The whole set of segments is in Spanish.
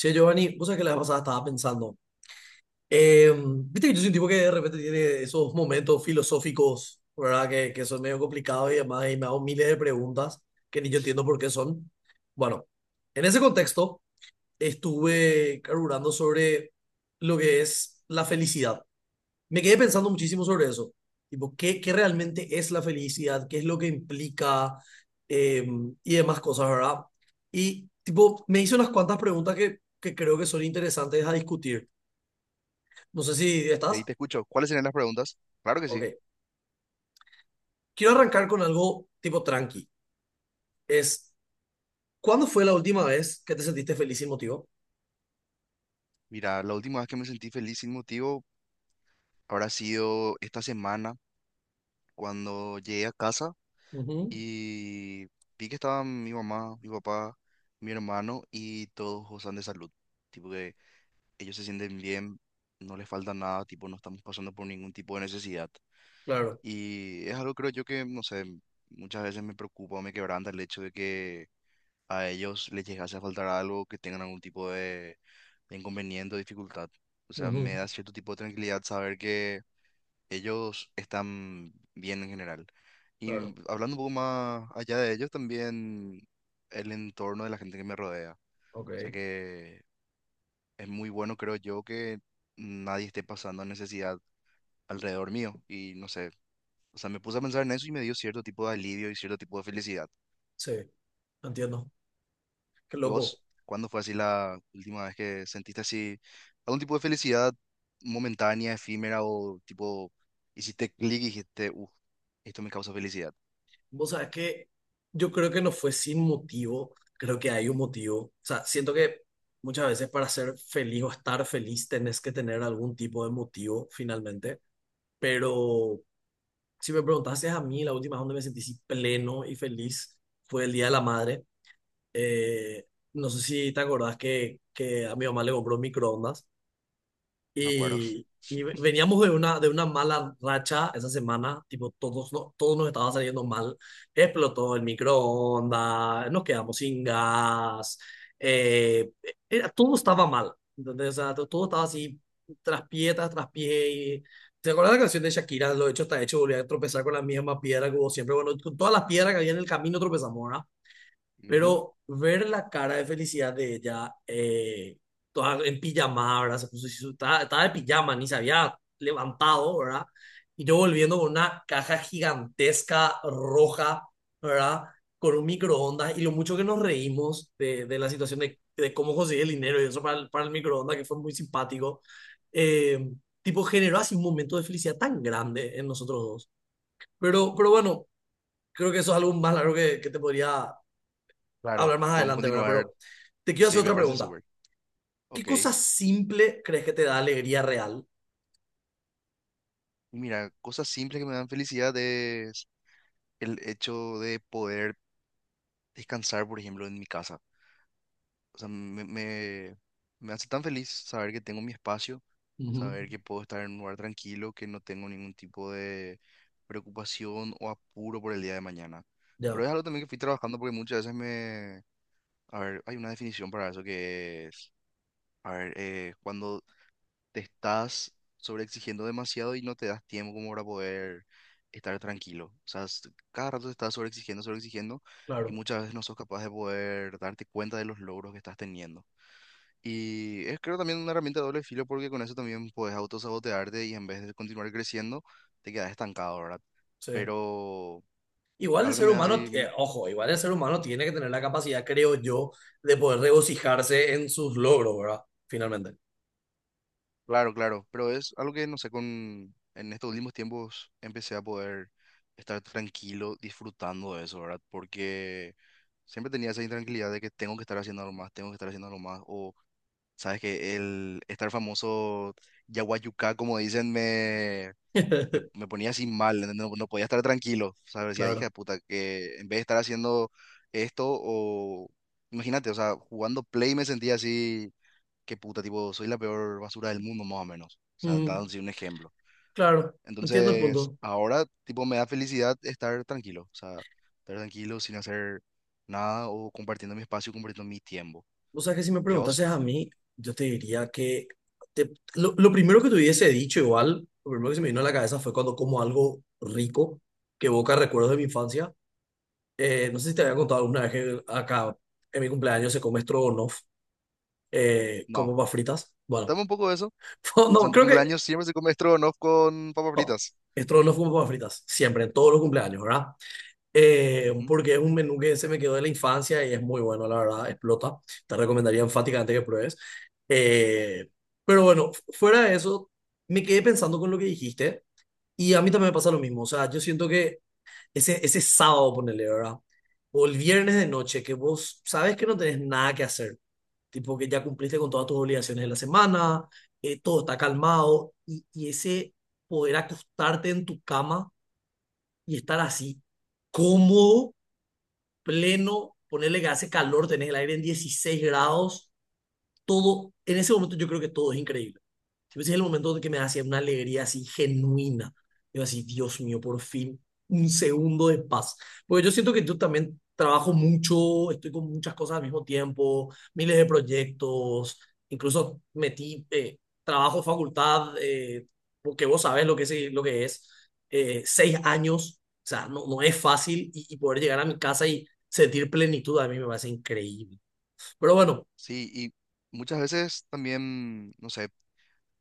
Che, Giovanni, vos sabés que la vez pasada estaba pensando. eh, Viste que yo soy un tipo que de repente tiene esos momentos filosóficos, ¿verdad? Que son medio complicados y además y me hago miles de preguntas que ni yo entiendo por qué son. Bueno, en ese contexto estuve carburando sobre lo que es la felicidad, me quedé pensando muchísimo sobre eso. Tipo, ¿qué realmente es la felicidad? ¿Qué es lo que implica? Eh, y demás cosas, ¿verdad? Y tipo, me hice unas cuantas preguntas que creo que son interesantes a discutir. No sé si Y estás. ahí te escucho. ¿Cuáles serían las preguntas? Claro que Ok. sí. Quiero arrancar con algo tipo tranqui. Es, ¿cuándo fue la última vez que te sentiste feliz y motivo? Mira, la última vez que me sentí feliz sin motivo habrá sido esta semana cuando llegué a casa Ujú. y vi que estaban mi mamá, mi papá, mi hermano y todos gozan de salud. Tipo que ellos se sienten bien, no les falta nada, tipo no estamos pasando por ningún tipo de necesidad. Claro. Y es algo creo yo que, no sé, muchas veces me preocupa o me quebranta el hecho de que a ellos les llegase a faltar algo, que tengan algún tipo de inconveniente o dificultad. O sea, me Ujú. da cierto tipo de tranquilidad saber que ellos están bien en general. Y Claro. hablando un poco más allá de ellos, también el entorno de la gente que me rodea. O sea Ok. que es muy bueno, creo yo, que nadie esté pasando necesidad alrededor mío. Y no sé, o sea, me puse a pensar en eso y me dio cierto tipo de alivio y cierto tipo de felicidad. Sí. Entiendo. Qué ¿Y loco. vos? ¿Cuándo fue así la última vez que sentiste así algún tipo de felicidad momentánea, efímera o tipo hiciste clic y dijiste, uff, esto me causa felicidad? Vos sabés que yo creo que no fue sin motivo, creo que hay un motivo. O sea, siento que muchas veces para ser feliz o estar feliz tenés que tener algún tipo de motivo finalmente, pero si me preguntases a mí, la última vez donde me sentí así pleno y feliz fue el Día de la Madre. Eh, no sé si te acordás que a mi mamá le compró un microondas ¿Me acuerdo? y veníamos de una mala racha esa semana, tipo, todos, no, todos nos estaba saliendo mal. Explotó el microondas, nos quedamos sin gas, eh, todo estaba mal, ¿entendés? O sea, todo estaba así, tras pie, tras pie. y- ¿Te acuerdas la canción de Shakira? Lo hecho está hecho, volví a tropezar con la misma piedra que hubo siempre. Bueno, con todas las piedras que había en el camino tropezamos, ¿verdad? Ujú. Pero ver la cara de felicidad de ella, toda en pijama, ¿verdad? Se puso, estaba, estaba de pijama, ni se había levantado, ¿verdad? Y yo volviendo con una caja gigantesca roja, ¿verdad? Con un microondas y lo mucho que nos reímos de la situación de cómo conseguí el dinero y eso para el microondas, que fue muy simpático. Eh, Tipo, generó así un momento de felicidad tan grande en nosotros dos. Pero bueno, creo que eso es algo más largo que te podría Claro, hablar más podemos adelante, ¿verdad? continuar. Pero te quiero hacer Sí, me otra parece pregunta. súper. ¿Qué Ok. Y cosa simple crees que te da alegría real? mira, cosas simples que me dan felicidad es el hecho de poder descansar, por ejemplo, en mi casa. O sea, me hace tan feliz saber que tengo mi espacio, Ujú. saber que puedo estar en un lugar tranquilo, que no tengo ningún tipo de preocupación o apuro por el día de mañana. Ya, Pero es algo también que fui trabajando porque muchas veces me... A ver, hay una definición para eso que es... A ver, cuando te estás sobreexigiendo demasiado y no te das tiempo como para poder estar tranquilo. O sea, cada rato te estás sobreexigiendo, sobreexigiendo y claro, muchas veces no sos capaz de poder darte cuenta de los logros que estás teniendo. Y es creo también una herramienta de doble filo porque con eso también puedes autosabotearte y en vez de continuar creciendo, te quedas estancado, ¿verdad? sí. Pero Igual el algo que ser me da humano, así, mm, ojo, igual el ser humano tiene que tener la capacidad, creo yo, de poder regocijarse en sus logros, ¿verdad? Finalmente. claro, claro, pero es algo que, no sé, con, en estos últimos tiempos empecé a poder estar tranquilo disfrutando de eso, ¿verdad? Porque siempre tenía esa intranquilidad de que tengo que estar haciendo algo más, tengo que estar haciendo algo más, o sabes que el estar famoso Yaguayucá, como dicen, me ponía así mal, ¿entendés? No, no podía estar tranquilo. O sea, decía, Claro. hija de puta, que en vez de estar haciendo esto o... Imagínate, o sea, jugando Play me sentía así, que puta, tipo, soy la peor basura del mundo, más o menos. O sea, Mm, dando así un ejemplo. claro, entiendo el Entonces, punto. ahora, tipo, me da felicidad estar tranquilo. O sea, estar tranquilo sin hacer nada o compartiendo mi espacio, compartiendo mi tiempo. O sea que si me ¿Y a vos? preguntases a mí, yo te diría que lo primero que te hubiese dicho igual, lo primero que se me vino a la cabeza fue cuando como algo rico que evoca recuerdos de mi infancia. No sé si te había contado alguna vez que acá en mi cumpleaños se come stroganoff con No. papas fritas. Bueno, Contame un poco de eso. O sea, no, en tu creo que cumpleaños siempre se come estrogonoff con papas no, fritas. stroganoff con papas fritas, siempre, en todos los cumpleaños, ¿verdad? Ujú. Porque es un menú que se me quedó de la infancia y es muy bueno, la verdad, explota. Te recomendaría enfáticamente que pruebes. Eh, pero bueno, fuera de eso, me quedé pensando con lo que dijiste y a mí también me pasa lo mismo. O sea, yo siento que ese sábado, ponele, ¿verdad? O el viernes de noche, que vos sabes que no tenés nada que hacer, tipo que ya cumpliste con todas tus obligaciones de la semana, todo está calmado, y ese poder acostarte en tu cama y estar así, cómodo, pleno, ponerle que hace calor, tenés el aire en 16 grados, todo, en ese momento yo creo que todo es increíble. Ese es el momento en que me hacía una alegría así genuina. Yo así, Dios mío, por fin, un segundo de paz. Porque yo siento que yo también trabajo mucho, estoy con muchas cosas al mismo tiempo, miles de proyectos, incluso metí trabajo, facultad, porque vos sabés lo que es 6 años, o sea, no, no es fácil y poder llegar a mi casa y sentir plenitud a mí me parece increíble. Pero bueno, Sí, y muchas veces también, no sé,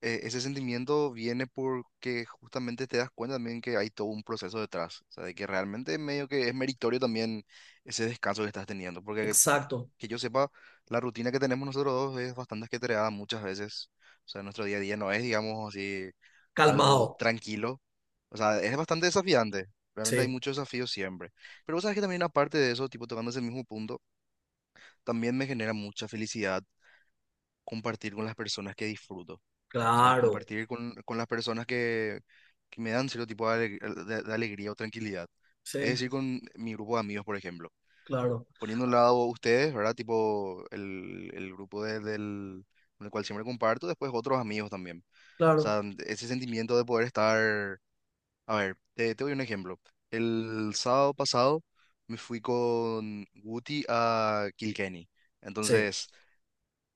ese sentimiento viene porque justamente te das cuenta también que hay todo un proceso detrás, o sea, de que realmente medio que es meritorio también ese descanso que estás teniendo, porque exacto, que yo sepa, la rutina que tenemos nosotros dos es bastante ajetreada muchas veces, o sea, nuestro día a día no es, digamos así, algo calmado, tranquilo, o sea, es bastante desafiante, realmente hay sí, muchos desafíos siempre, pero vos sabes que también aparte de eso, tipo tocando ese mismo punto, también me genera mucha felicidad compartir con las personas que disfruto. O sea, claro. compartir con las personas que me dan cierto tipo de, de alegría o tranquilidad. Es Sí. decir, con mi grupo de amigos, por ejemplo. Claro, Poniendo a un lado ustedes, ¿verdad? Tipo el del, con el cual siempre comparto, después otros amigos también. O claro, sea, ese sentimiento de poder estar... A ver, te doy un ejemplo. El sábado pasado me fui con Guti a Kilkenny. sí, Entonces...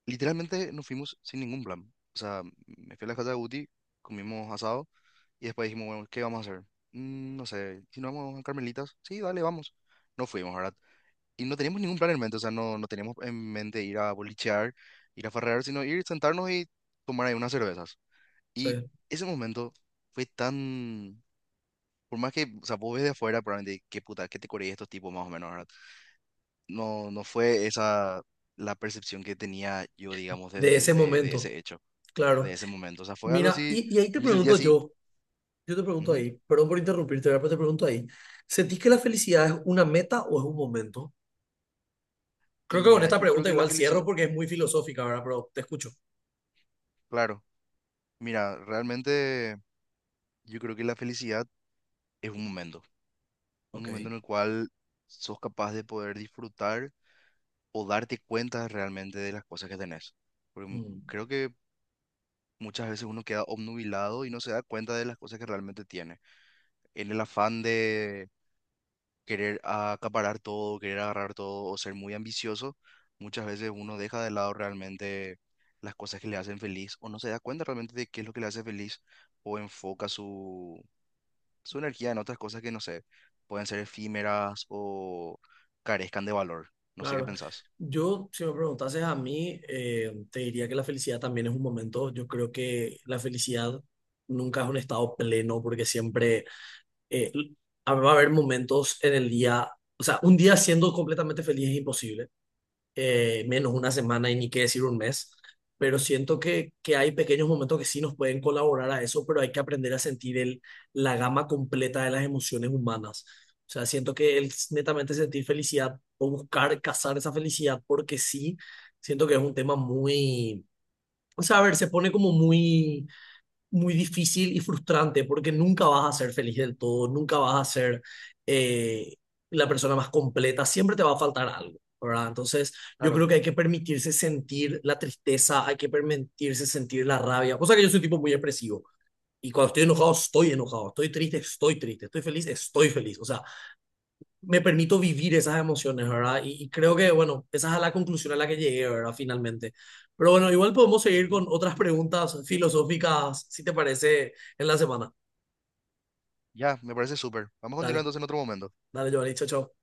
Literalmente nos fuimos sin ningún plan. O sea, me fui a la casa de Guti, comimos asado y después dijimos, bueno, ¿qué vamos a hacer? "Mm, no sé, si nos vamos a Carmelitas, sí, dale, vamos. No fuimos, ¿verdad? Y no teníamos ningún plan en mente, o sea, no, no teníamos en mente ir a bolichear, ir a farrear, sino ir, sentarnos y tomar ahí unas cervezas. Y sí, ese momento fue tan... Por más que, o sea, vos ves de afuera, probablemente, qué puta, qué te coreí estos tipos más o menos, ¿verdad? No, no fue esa la percepción que tenía yo, digamos, de ese de momento, ese hecho claro. de ese momento. O sea, fue algo Mira, así, y ahí te y me sentí pregunto así. yo, yo te pregunto Ujú. ahí, perdón por interrumpirte, ¿verdad? Pero te pregunto ahí, ¿sentís que la felicidad es una meta o es un momento? Creo Y que con mira, esta yo creo pregunta que la igual felicidad, cierro porque es muy filosófica, ¿verdad? Pero te escucho. claro, mira, realmente yo creo que la felicidad es un Ok, momento en el cual sos capaz de poder disfrutar o darte cuenta realmente de las cosas que tenés. Porque mm, creo que muchas veces uno queda obnubilado y no se da cuenta de las cosas que realmente tiene. En el afán de querer acaparar todo, querer agarrar todo o ser muy ambicioso, muchas veces uno deja de lado realmente las cosas que le hacen feliz o no se da cuenta realmente de qué es lo que le hace feliz o enfoca su, su energía en otras cosas que no sé, pueden ser efímeras o carezcan de valor. No sé qué claro. pensás. Yo, si me preguntases a mí, te diría que la felicidad también es un momento. Yo creo que la felicidad nunca es un estado pleno porque siempre eh, va a haber momentos en el día, o sea, un día siendo completamente feliz es imposible, menos una semana y ni qué decir un mes, pero siento que hay pequeños momentos que sí nos pueden colaborar a eso, pero hay que aprender a sentir el, la gama completa de las emociones humanas. O sea, siento que el netamente sentir felicidad o buscar cazar esa felicidad porque sí, siento que es un tema muy, o sea, a ver, se pone como muy muy difícil y frustrante porque nunca vas a ser feliz del todo, nunca vas a ser eh, la persona más completa, siempre te va a faltar algo, ¿verdad? Entonces, yo creo Claro. que hay que permitirse sentir la tristeza, hay que permitirse sentir la rabia, cosa que yo soy un tipo muy expresivo. Y cuando estoy enojado, estoy enojado, estoy triste, estoy triste, estoy feliz, estoy feliz. O sea, me permito vivir esas emociones, ¿verdad? Y creo que, bueno, esa es la conclusión a la que llegué, ¿verdad? Finalmente. Pero bueno, igual podemos seguir Ujú. con otras preguntas filosóficas, si te parece, en la semana. Ya, me parece súper. Vamos a continuar Dale, entonces en otro momento. dale, Giovanni, chao, chao.